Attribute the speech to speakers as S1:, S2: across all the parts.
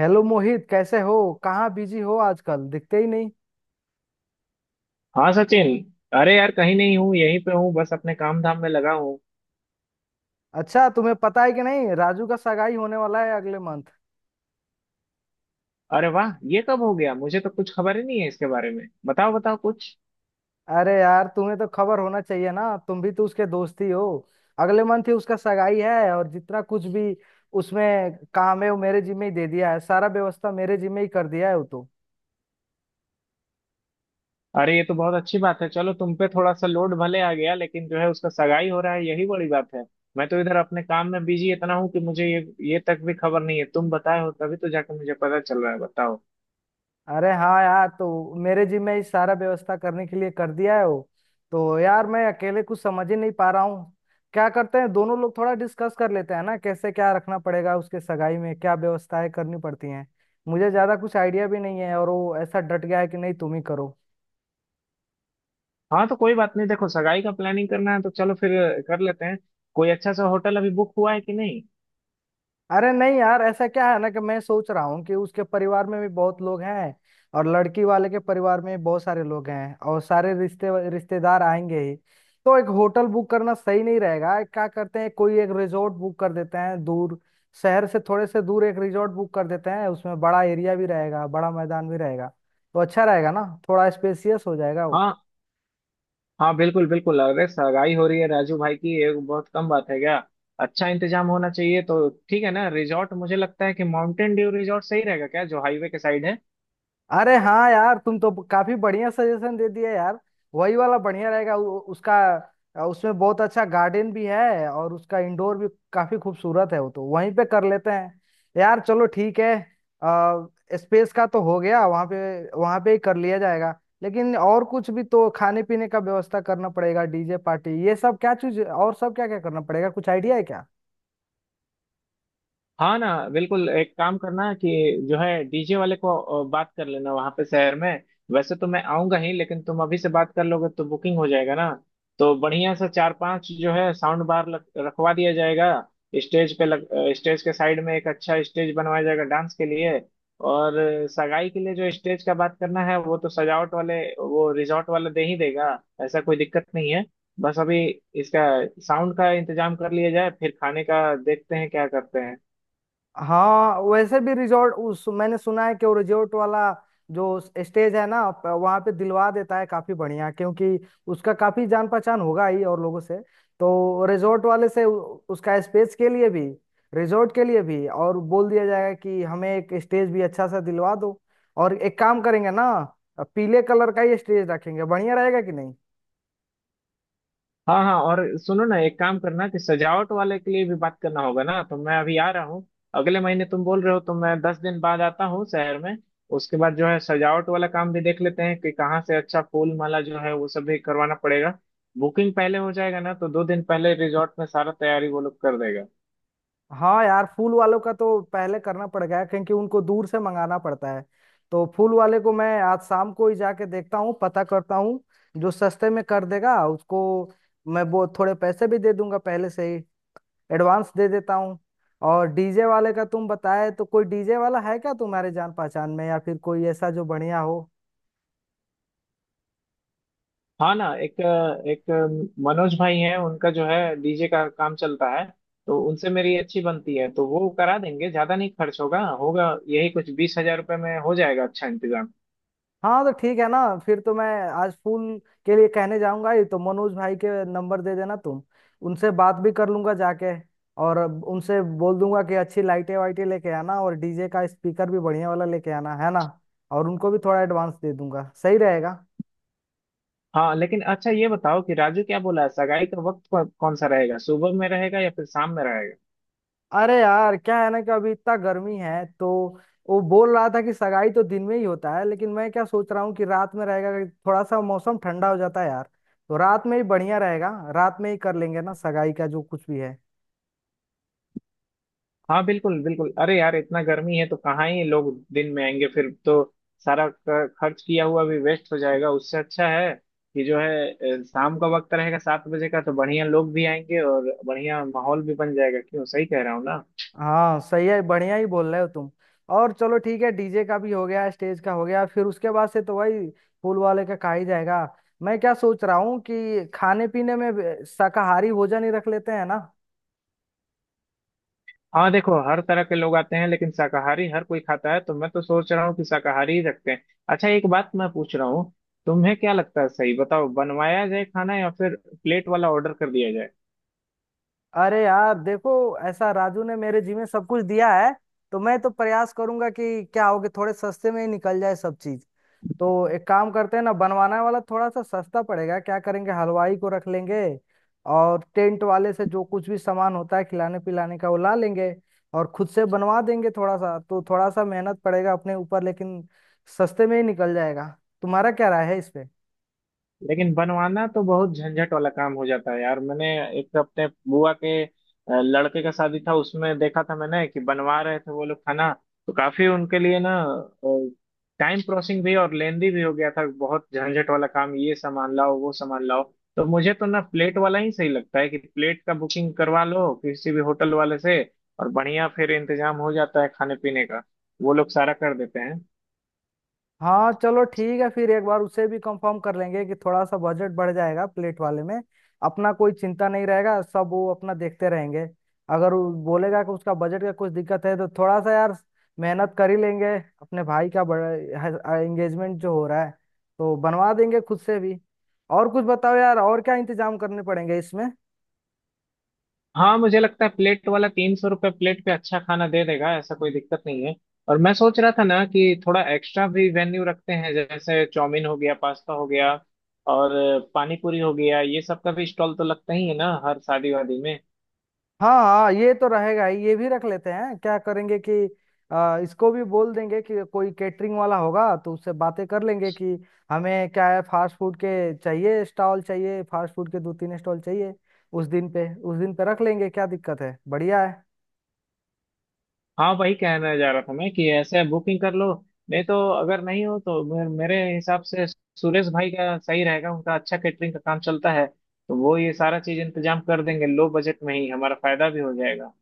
S1: Hello Mohit कैसे हो। कहाँ बिजी हो आजकल दिखते ही नहीं।
S2: हाँ सचिन। अरे यार कहीं नहीं हूँ, यहीं पे हूँ, बस अपने काम धाम में लगा हूँ।
S1: अच्छा तुम्हें पता है कि नहीं राजू का सगाई होने वाला है अगले मंथ।
S2: अरे वाह ये कब हो गया? मुझे तो कुछ खबर ही नहीं है इसके बारे में। बताओ बताओ कुछ।
S1: अरे यार तुम्हें तो खबर होना चाहिए ना तुम भी तो उसके दोस्त ही हो। अगले मंथ ही उसका सगाई है और जितना कुछ भी उसमें काम है वो मेरे जिम्मे ही दे दिया है। सारा व्यवस्था मेरे जिम्मे ही कर दिया है वो तो।
S2: अरे ये तो बहुत अच्छी बात है। चलो तुम पे थोड़ा सा लोड भले आ गया लेकिन जो है उसका सगाई हो रहा है, यही बड़ी बात है। मैं तो इधर अपने काम में बिजी इतना हूँ कि मुझे ये तक भी खबर नहीं है। तुम बताए हो तभी तो जाके मुझे पता चल रहा है। बताओ।
S1: अरे हाँ यार तो मेरे जी में ही सारा व्यवस्था करने के लिए कर दिया है वो। तो यार मैं अकेले कुछ समझ ही नहीं पा रहा हूँ। क्या करते हैं दोनों लोग थोड़ा डिस्कस कर लेते हैं ना कैसे क्या रखना पड़ेगा उसके सगाई में क्या व्यवस्थाएं करनी पड़ती हैं। मुझे ज्यादा कुछ आइडिया भी नहीं है और वो ऐसा डट गया है कि नहीं तुम ही करो।
S2: हाँ तो कोई बात नहीं। देखो सगाई का प्लानिंग करना है तो चलो फिर कर लेते हैं। कोई अच्छा सा होटल अभी बुक हुआ है कि नहीं?
S1: अरे नहीं यार ऐसा क्या है ना कि मैं सोच रहा हूँ कि उसके परिवार में भी बहुत लोग हैं और लड़की वाले के परिवार में भी बहुत सारे लोग हैं और सारे रिश्ते रिश्तेदार आएंगे ही। तो एक होटल बुक करना सही नहीं रहेगा। एक क्या करते हैं कोई एक रिजॉर्ट बुक कर देते हैं दूर शहर से थोड़े से दूर एक रिजॉर्ट बुक कर देते हैं उसमें बड़ा एरिया भी रहेगा बड़ा मैदान भी रहेगा। तो अच्छा रहेगा ना थोड़ा स्पेसियस हो जाएगा वो।
S2: हाँ हाँ बिल्कुल बिल्कुल। अरे सगाई हो रही है राजू भाई की, ये बहुत कम बात है क्या? अच्छा इंतजाम होना चाहिए तो ठीक है ना। रिजॉर्ट मुझे लगता है कि माउंटेन ड्यू रिजॉर्ट सही रहेगा क्या, जो हाईवे के साइड है।
S1: अरे हाँ यार तुम तो काफी बढ़िया सजेशन दे दिया यार। वही वाला बढ़िया रहेगा उसका उसमें बहुत अच्छा गार्डन भी है और उसका इंडोर भी काफी खूबसूरत है। वो तो वहीं पे कर लेते हैं यार। चलो ठीक है। आ, स्पेस का तो हो गया वहाँ पे ही कर लिया जाएगा। लेकिन और कुछ भी तो खाने पीने का व्यवस्था करना पड़ेगा। डीजे पार्टी ये सब क्या चीज और सब क्या क्या करना पड़ेगा कुछ आइडिया है क्या।
S2: हाँ ना बिल्कुल। एक काम करना कि जो है डीजे वाले को बात कर लेना वहां पे शहर में। वैसे तो मैं आऊंगा ही लेकिन तुम अभी से बात कर लोगे तो बुकिंग हो जाएगा ना। तो बढ़िया सा चार पांच जो है साउंड बार रखवा दिया जाएगा स्टेज पे। लग स्टेज के साइड में एक अच्छा स्टेज बनवाया जाएगा डांस के लिए। और सगाई के लिए जो स्टेज का बात करना है, वो तो सजावट वाले, वो रिजॉर्ट वाला दे ही देगा। ऐसा कोई दिक्कत नहीं है। बस अभी इसका साउंड का इंतजाम कर लिया जाए, फिर खाने का देखते हैं क्या करते हैं।
S1: हाँ वैसे भी रिजॉर्ट उस मैंने सुना है कि वो रिजॉर्ट वाला जो स्टेज है ना वहाँ पे दिलवा देता है काफी बढ़िया, क्योंकि उसका काफी जान पहचान होगा ही और लोगों से। तो रिजॉर्ट वाले से उसका स्पेस के लिए भी रिजॉर्ट के लिए भी और बोल दिया जाएगा कि हमें एक स्टेज भी अच्छा सा दिलवा दो। और एक काम करेंगे ना पीले कलर का ही स्टेज रखेंगे बढ़िया रहेगा कि नहीं।
S2: हाँ हाँ। और सुनो ना, एक काम करना कि सजावट वाले के लिए भी बात करना होगा ना। तो मैं अभी आ रहा हूँ। अगले महीने तुम बोल रहे हो तो मैं 10 दिन बाद आता हूँ शहर में। उसके बाद जो है सजावट वाला काम भी देख लेते हैं कि कहाँ से अच्छा फूल माला जो है वो सब भी करवाना पड़ेगा। बुकिंग पहले हो जाएगा ना तो 2 दिन पहले रिजॉर्ट में सारा तैयारी वो लोग कर देगा।
S1: हाँ यार फूल वालों का तो पहले करना पड़ गया है, क्योंकि उनको दूर से मंगाना पड़ता है। तो फूल वाले को मैं आज शाम को ही जाके देखता हूँ पता करता हूँ जो सस्ते में कर देगा उसको। मैं वो थोड़े पैसे भी दे दूंगा पहले से ही। एडवांस दे देता हूँ। और डीजे वाले का तुम बताए तो कोई डीजे वाला है क्या तुम्हारे जान पहचान में या फिर कोई ऐसा जो बढ़िया हो।
S2: हाँ ना। एक एक मनोज भाई हैं, उनका जो है डीजे का काम चलता है। तो उनसे मेरी अच्छी बनती है तो वो करा देंगे। ज्यादा नहीं खर्च होगा होगा, यही कुछ 20,000 रुपये में हो जाएगा अच्छा इंतजाम।
S1: हाँ तो ठीक है ना। फिर तो मैं आज फूल के लिए कहने जाऊंगा ही तो मनोज भाई के नंबर दे देना तुम। उनसे बात भी कर लूंगा जाके। और उनसे बोल दूंगा कि अच्छी लाइटें वाइटें लेके आना और डीजे का स्पीकर भी बढ़िया वाला लेके आना है ना। और उनको भी थोड़ा एडवांस दे दूंगा सही रहेगा।
S2: हाँ लेकिन अच्छा ये बताओ कि राजू क्या बोला है, सगाई का वक्त कौन सा रहेगा? सुबह में रहेगा या फिर शाम में रहेगा?
S1: अरे यार क्या है ना कि अभी इतना गर्मी है तो वो बोल रहा था कि सगाई तो दिन में ही होता है लेकिन मैं क्या सोच रहा हूँ कि रात में रहेगा कि थोड़ा सा मौसम ठंडा हो जाता है यार। तो रात में ही बढ़िया रहेगा। रात में ही कर लेंगे ना सगाई का जो कुछ भी है।
S2: हाँ बिल्कुल बिल्कुल। अरे यार इतना गर्मी है तो कहाँ ही लोग दिन में आएंगे फिर तो। सारा खर्च किया हुआ भी वेस्ट हो जाएगा। उससे अच्छा है कि जो है शाम का वक्त रहेगा 7 बजे का, तो बढ़िया लोग भी आएंगे और बढ़िया माहौल भी बन जाएगा। क्यों, सही कह रहा हूँ ना?
S1: हाँ सही है बढ़िया ही बोल रहे हो तुम। और चलो ठीक है डीजे का भी हो गया स्टेज का हो गया फिर उसके बाद से तो भाई फूल वाले का खा ही जाएगा। मैं क्या सोच रहा हूँ कि खाने पीने में भी शाकाहारी भोजन ही रख लेते हैं ना।
S2: हाँ देखो हर तरह के लोग आते हैं, लेकिन शाकाहारी हर कोई खाता है, तो मैं तो सोच रहा हूँ कि शाकाहारी ही रखते हैं। अच्छा एक बात मैं पूछ रहा हूँ, तुम्हें क्या लगता है? सही बताओ, बनवाया जाए खाना या फिर प्लेट वाला ऑर्डर कर दिया जाए?
S1: अरे यार देखो ऐसा राजू ने मेरे जी में सब कुछ दिया है। तो मैं तो प्रयास करूंगा कि क्या होगे थोड़े सस्ते में ही निकल जाए सब चीज। तो एक काम करते हैं ना बनवाना वाला थोड़ा सा सस्ता पड़ेगा। क्या करेंगे हलवाई को रख लेंगे और टेंट वाले से जो कुछ भी सामान होता है खिलाने पिलाने का वो ला लेंगे और खुद से बनवा देंगे। थोड़ा सा तो थोड़ा सा मेहनत पड़ेगा अपने ऊपर लेकिन सस्ते में ही निकल जाएगा। तुम्हारा क्या राय है इस पे।
S2: लेकिन बनवाना तो बहुत झंझट वाला काम हो जाता है यार। मैंने एक तो अपने बुआ के लड़के का शादी था, उसमें देखा था मैंने कि बनवा रहे थे वो लोग खाना। तो काफी उनके लिए ना टाइम प्रोसिंग भी और लेंदी भी हो गया था। बहुत झंझट वाला काम, ये सामान लाओ वो सामान लाओ। तो मुझे तो ना प्लेट वाला ही सही लगता है कि प्लेट का बुकिंग करवा लो किसी भी होटल वाले से। और बढ़िया फिर इंतजाम हो जाता है खाने पीने का, वो लोग सारा कर देते हैं।
S1: हाँ चलो ठीक है फिर एक बार उसे भी कंफर्म कर लेंगे कि थोड़ा सा बजट बढ़ जाएगा प्लेट वाले में। अपना कोई चिंता नहीं रहेगा सब वो अपना देखते रहेंगे। अगर वो बोलेगा कि उसका बजट का कुछ दिक्कत है तो थोड़ा सा यार मेहनत कर ही लेंगे। अपने भाई का बड़ा एंगेजमेंट जो हो रहा है तो बनवा देंगे खुद से भी। और कुछ बताओ यार और क्या इंतजाम करने पड़ेंगे इसमें।
S2: हाँ मुझे लगता है प्लेट वाला 300 रुपये प्लेट पे अच्छा खाना दे देगा, ऐसा कोई दिक्कत नहीं है। और मैं सोच रहा था ना कि थोड़ा एक्स्ट्रा भी वेन्यू रखते हैं, जैसे चाउमीन हो गया, पास्ता हो गया और पानी पूरी हो गया। ये सब का भी स्टॉल तो लगता ही है ना हर शादी वादी में।
S1: हाँ हाँ ये तो रहेगा ही। ये भी रख लेते हैं क्या करेंगे कि इसको भी बोल देंगे कि कोई कैटरिंग वाला होगा तो उससे बातें कर लेंगे कि हमें क्या है फास्ट फूड के चाहिए स्टॉल चाहिए। फास्ट फूड के दो तीन स्टॉल चाहिए उस दिन पे रख लेंगे क्या दिक्कत है बढ़िया है।
S2: हाँ वही कहना जा रहा था मैं कि ऐसे बुकिंग कर लो। नहीं तो अगर नहीं हो तो मेरे हिसाब से सुरेश भाई का सही रहेगा, उनका अच्छा कैटरिंग का काम चलता है। तो वो ये सारा चीज इंतजाम कर देंगे लो बजट में ही, हमारा फायदा भी हो जाएगा।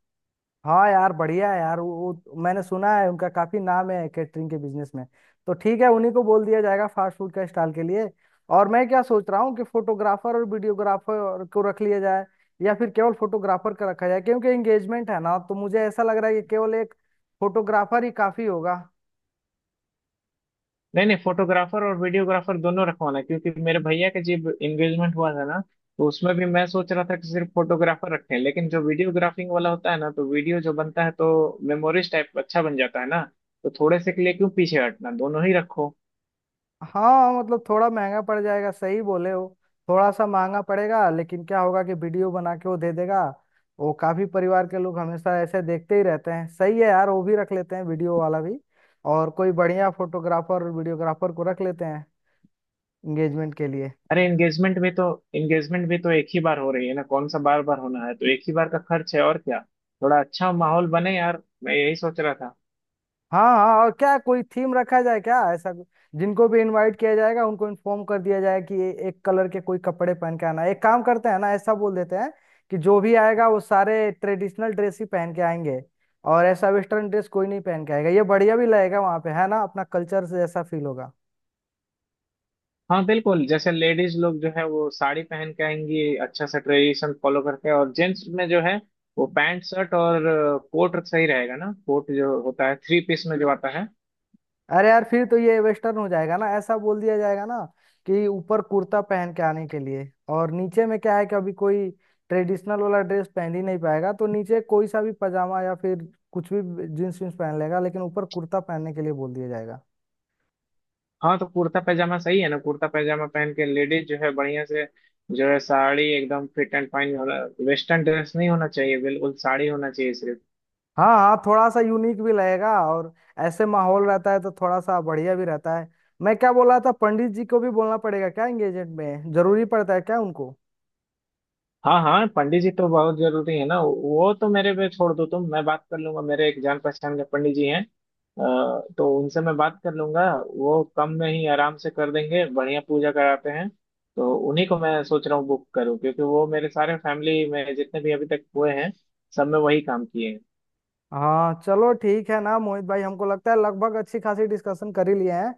S1: हाँ यार बढ़िया है यार वो मैंने सुना है उनका काफी नाम है कैटरिंग के बिजनेस में। तो ठीक है उन्हीं को बोल दिया जाएगा फास्ट फूड का स्टॉल के लिए। और मैं क्या सोच रहा हूँ कि फोटोग्राफर और वीडियोग्राफर को रख लिया जाए या फिर केवल फोटोग्राफर का रखा जाए, क्योंकि एंगेजमेंट है ना तो मुझे ऐसा लग रहा है कि केवल एक फोटोग्राफर ही काफी होगा।
S2: नहीं नहीं, फोटोग्राफर और वीडियोग्राफर दोनों रखवाना है, क्योंकि मेरे भैया का जब एंगेजमेंट हुआ था ना, तो उसमें भी मैं सोच रहा था कि सिर्फ फोटोग्राफर रखें, लेकिन जो वीडियोग्राफिंग वाला होता है ना तो वीडियो जो बनता है तो मेमोरीज टाइप अच्छा बन जाता है ना। तो थोड़े से के लिए क्यों पीछे हटना, दोनों ही रखो।
S1: हाँ मतलब थोड़ा महंगा पड़ जाएगा सही बोले हो। थोड़ा सा महंगा पड़ेगा लेकिन क्या होगा कि वीडियो बना के वो दे देगा। वो काफी परिवार के लोग हमेशा ऐसे देखते ही रहते हैं। सही है यार वो भी रख लेते हैं वीडियो वाला भी। और कोई बढ़िया फोटोग्राफर वीडियोग्राफर को रख लेते हैं एंगेजमेंट के लिए।
S2: अरे एंगेजमेंट भी तो एक ही बार हो रही है ना, कौन सा बार बार होना है। तो एक ही बार का खर्च है और क्या, थोड़ा अच्छा माहौल बने, यार मैं यही सोच रहा था।
S1: हाँ हाँ और क्या कोई थीम रखा जाए क्या ऐसा जिनको भी इनवाइट किया जाएगा उनको इन्फॉर्म कर दिया जाए कि ये एक कलर के कोई कपड़े पहन के आना है। एक काम करते हैं ना ऐसा बोल देते हैं कि जो भी आएगा वो सारे ट्रेडिशनल ड्रेस ही पहन के आएंगे और ऐसा वेस्टर्न ड्रेस कोई नहीं पहन के आएगा। ये बढ़िया भी लगेगा वहाँ पे है ना अपना कल्चर से ऐसा फील होगा।
S2: हाँ बिल्कुल, जैसे लेडीज लोग जो है वो साड़ी पहन के आएंगी अच्छा सा ट्रेडिशन फॉलो करके। और जेंट्स में जो है वो पैंट शर्ट और कोट सही रहेगा ना, कोट जो होता है थ्री पीस में जो आता है।
S1: अरे यार फिर तो ये वेस्टर्न हो जाएगा ना। ऐसा बोल दिया जाएगा ना कि ऊपर कुर्ता पहन के आने के लिए और नीचे में क्या है कि अभी कोई ट्रेडिशनल वाला ड्रेस पहन ही नहीं पाएगा तो नीचे कोई सा भी पजामा या फिर कुछ भी जींस वींस पहन लेगा लेकिन ऊपर कुर्ता पहनने के लिए बोल दिया जाएगा।
S2: हाँ तो कुर्ता पैजामा सही है ना, कुर्ता पैजामा पहन के। लेडीज जो है बढ़िया से, जो है साड़ी एकदम फिट एंड फाइन होना। वेस्टर्न ड्रेस नहीं होना चाहिए, बिल्कुल साड़ी होना चाहिए सिर्फ।
S1: हाँ हाँ थोड़ा सा यूनिक भी लगेगा। और ऐसे माहौल रहता है तो थोड़ा सा बढ़िया भी रहता है। मैं क्या बोल रहा था पंडित जी को भी बोलना पड़ेगा क्या एंगेजमेंट में जरूरी पड़ता है क्या उनको।
S2: हाँ हाँ, पंडित जी तो बहुत जरूरी है ना। वो तो मेरे पे छोड़ दो, तुम, मैं बात कर लूंगा। मेरे एक जान पहचान के पंडित जी हैं, तो उनसे मैं बात कर लूंगा। वो कम में ही आराम से कर देंगे, बढ़िया पूजा कराते हैं। तो उन्हीं को मैं सोच रहा हूँ बुक करूँ, क्योंकि वो मेरे सारे फैमिली में जितने भी अभी तक हुए हैं, सब में वही काम किए हैं।
S1: हाँ चलो ठीक है ना मोहित भाई हमको लगता है लगभग अच्छी खासी डिस्कशन कर ही लिए हैं।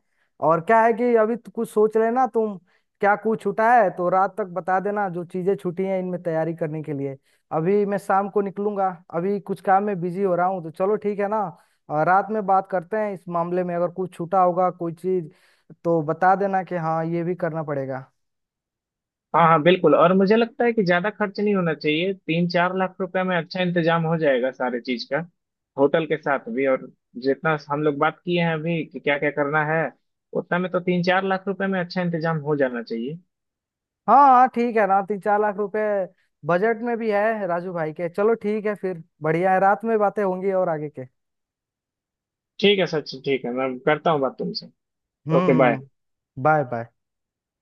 S1: और क्या है कि अभी तो कुछ सोच लेना तुम क्या कुछ छूटा है तो रात तक बता देना जो चीजें छूटी हैं इनमें तैयारी करने के लिए। अभी मैं शाम को निकलूंगा। अभी कुछ काम में बिजी हो रहा हूँ तो चलो ठीक है ना। और रात में बात करते हैं इस मामले में अगर कुछ छूटा होगा कोई चीज तो बता देना कि हाँ ये भी करना पड़ेगा।
S2: हाँ हाँ बिल्कुल। और मुझे लगता है कि ज्यादा खर्च नहीं होना चाहिए, 3-4 लाख रुपए में अच्छा इंतजाम हो जाएगा सारे चीज का, होटल के साथ भी। और जितना हम लोग बात किए हैं अभी कि क्या क्या करना है, उतना में तो 3-4 लाख रुपए में अच्छा इंतजाम हो जाना चाहिए।
S1: हाँ हाँ ठीक है ना। 3-4 लाख रुपए बजट में भी है राजू भाई के। चलो ठीक है फिर बढ़िया है रात में बातें होंगी और आगे के।
S2: ठीक है सचिन, ठीक है। मैं करता हूँ बात तुमसे। Okay bye.
S1: Bye bye.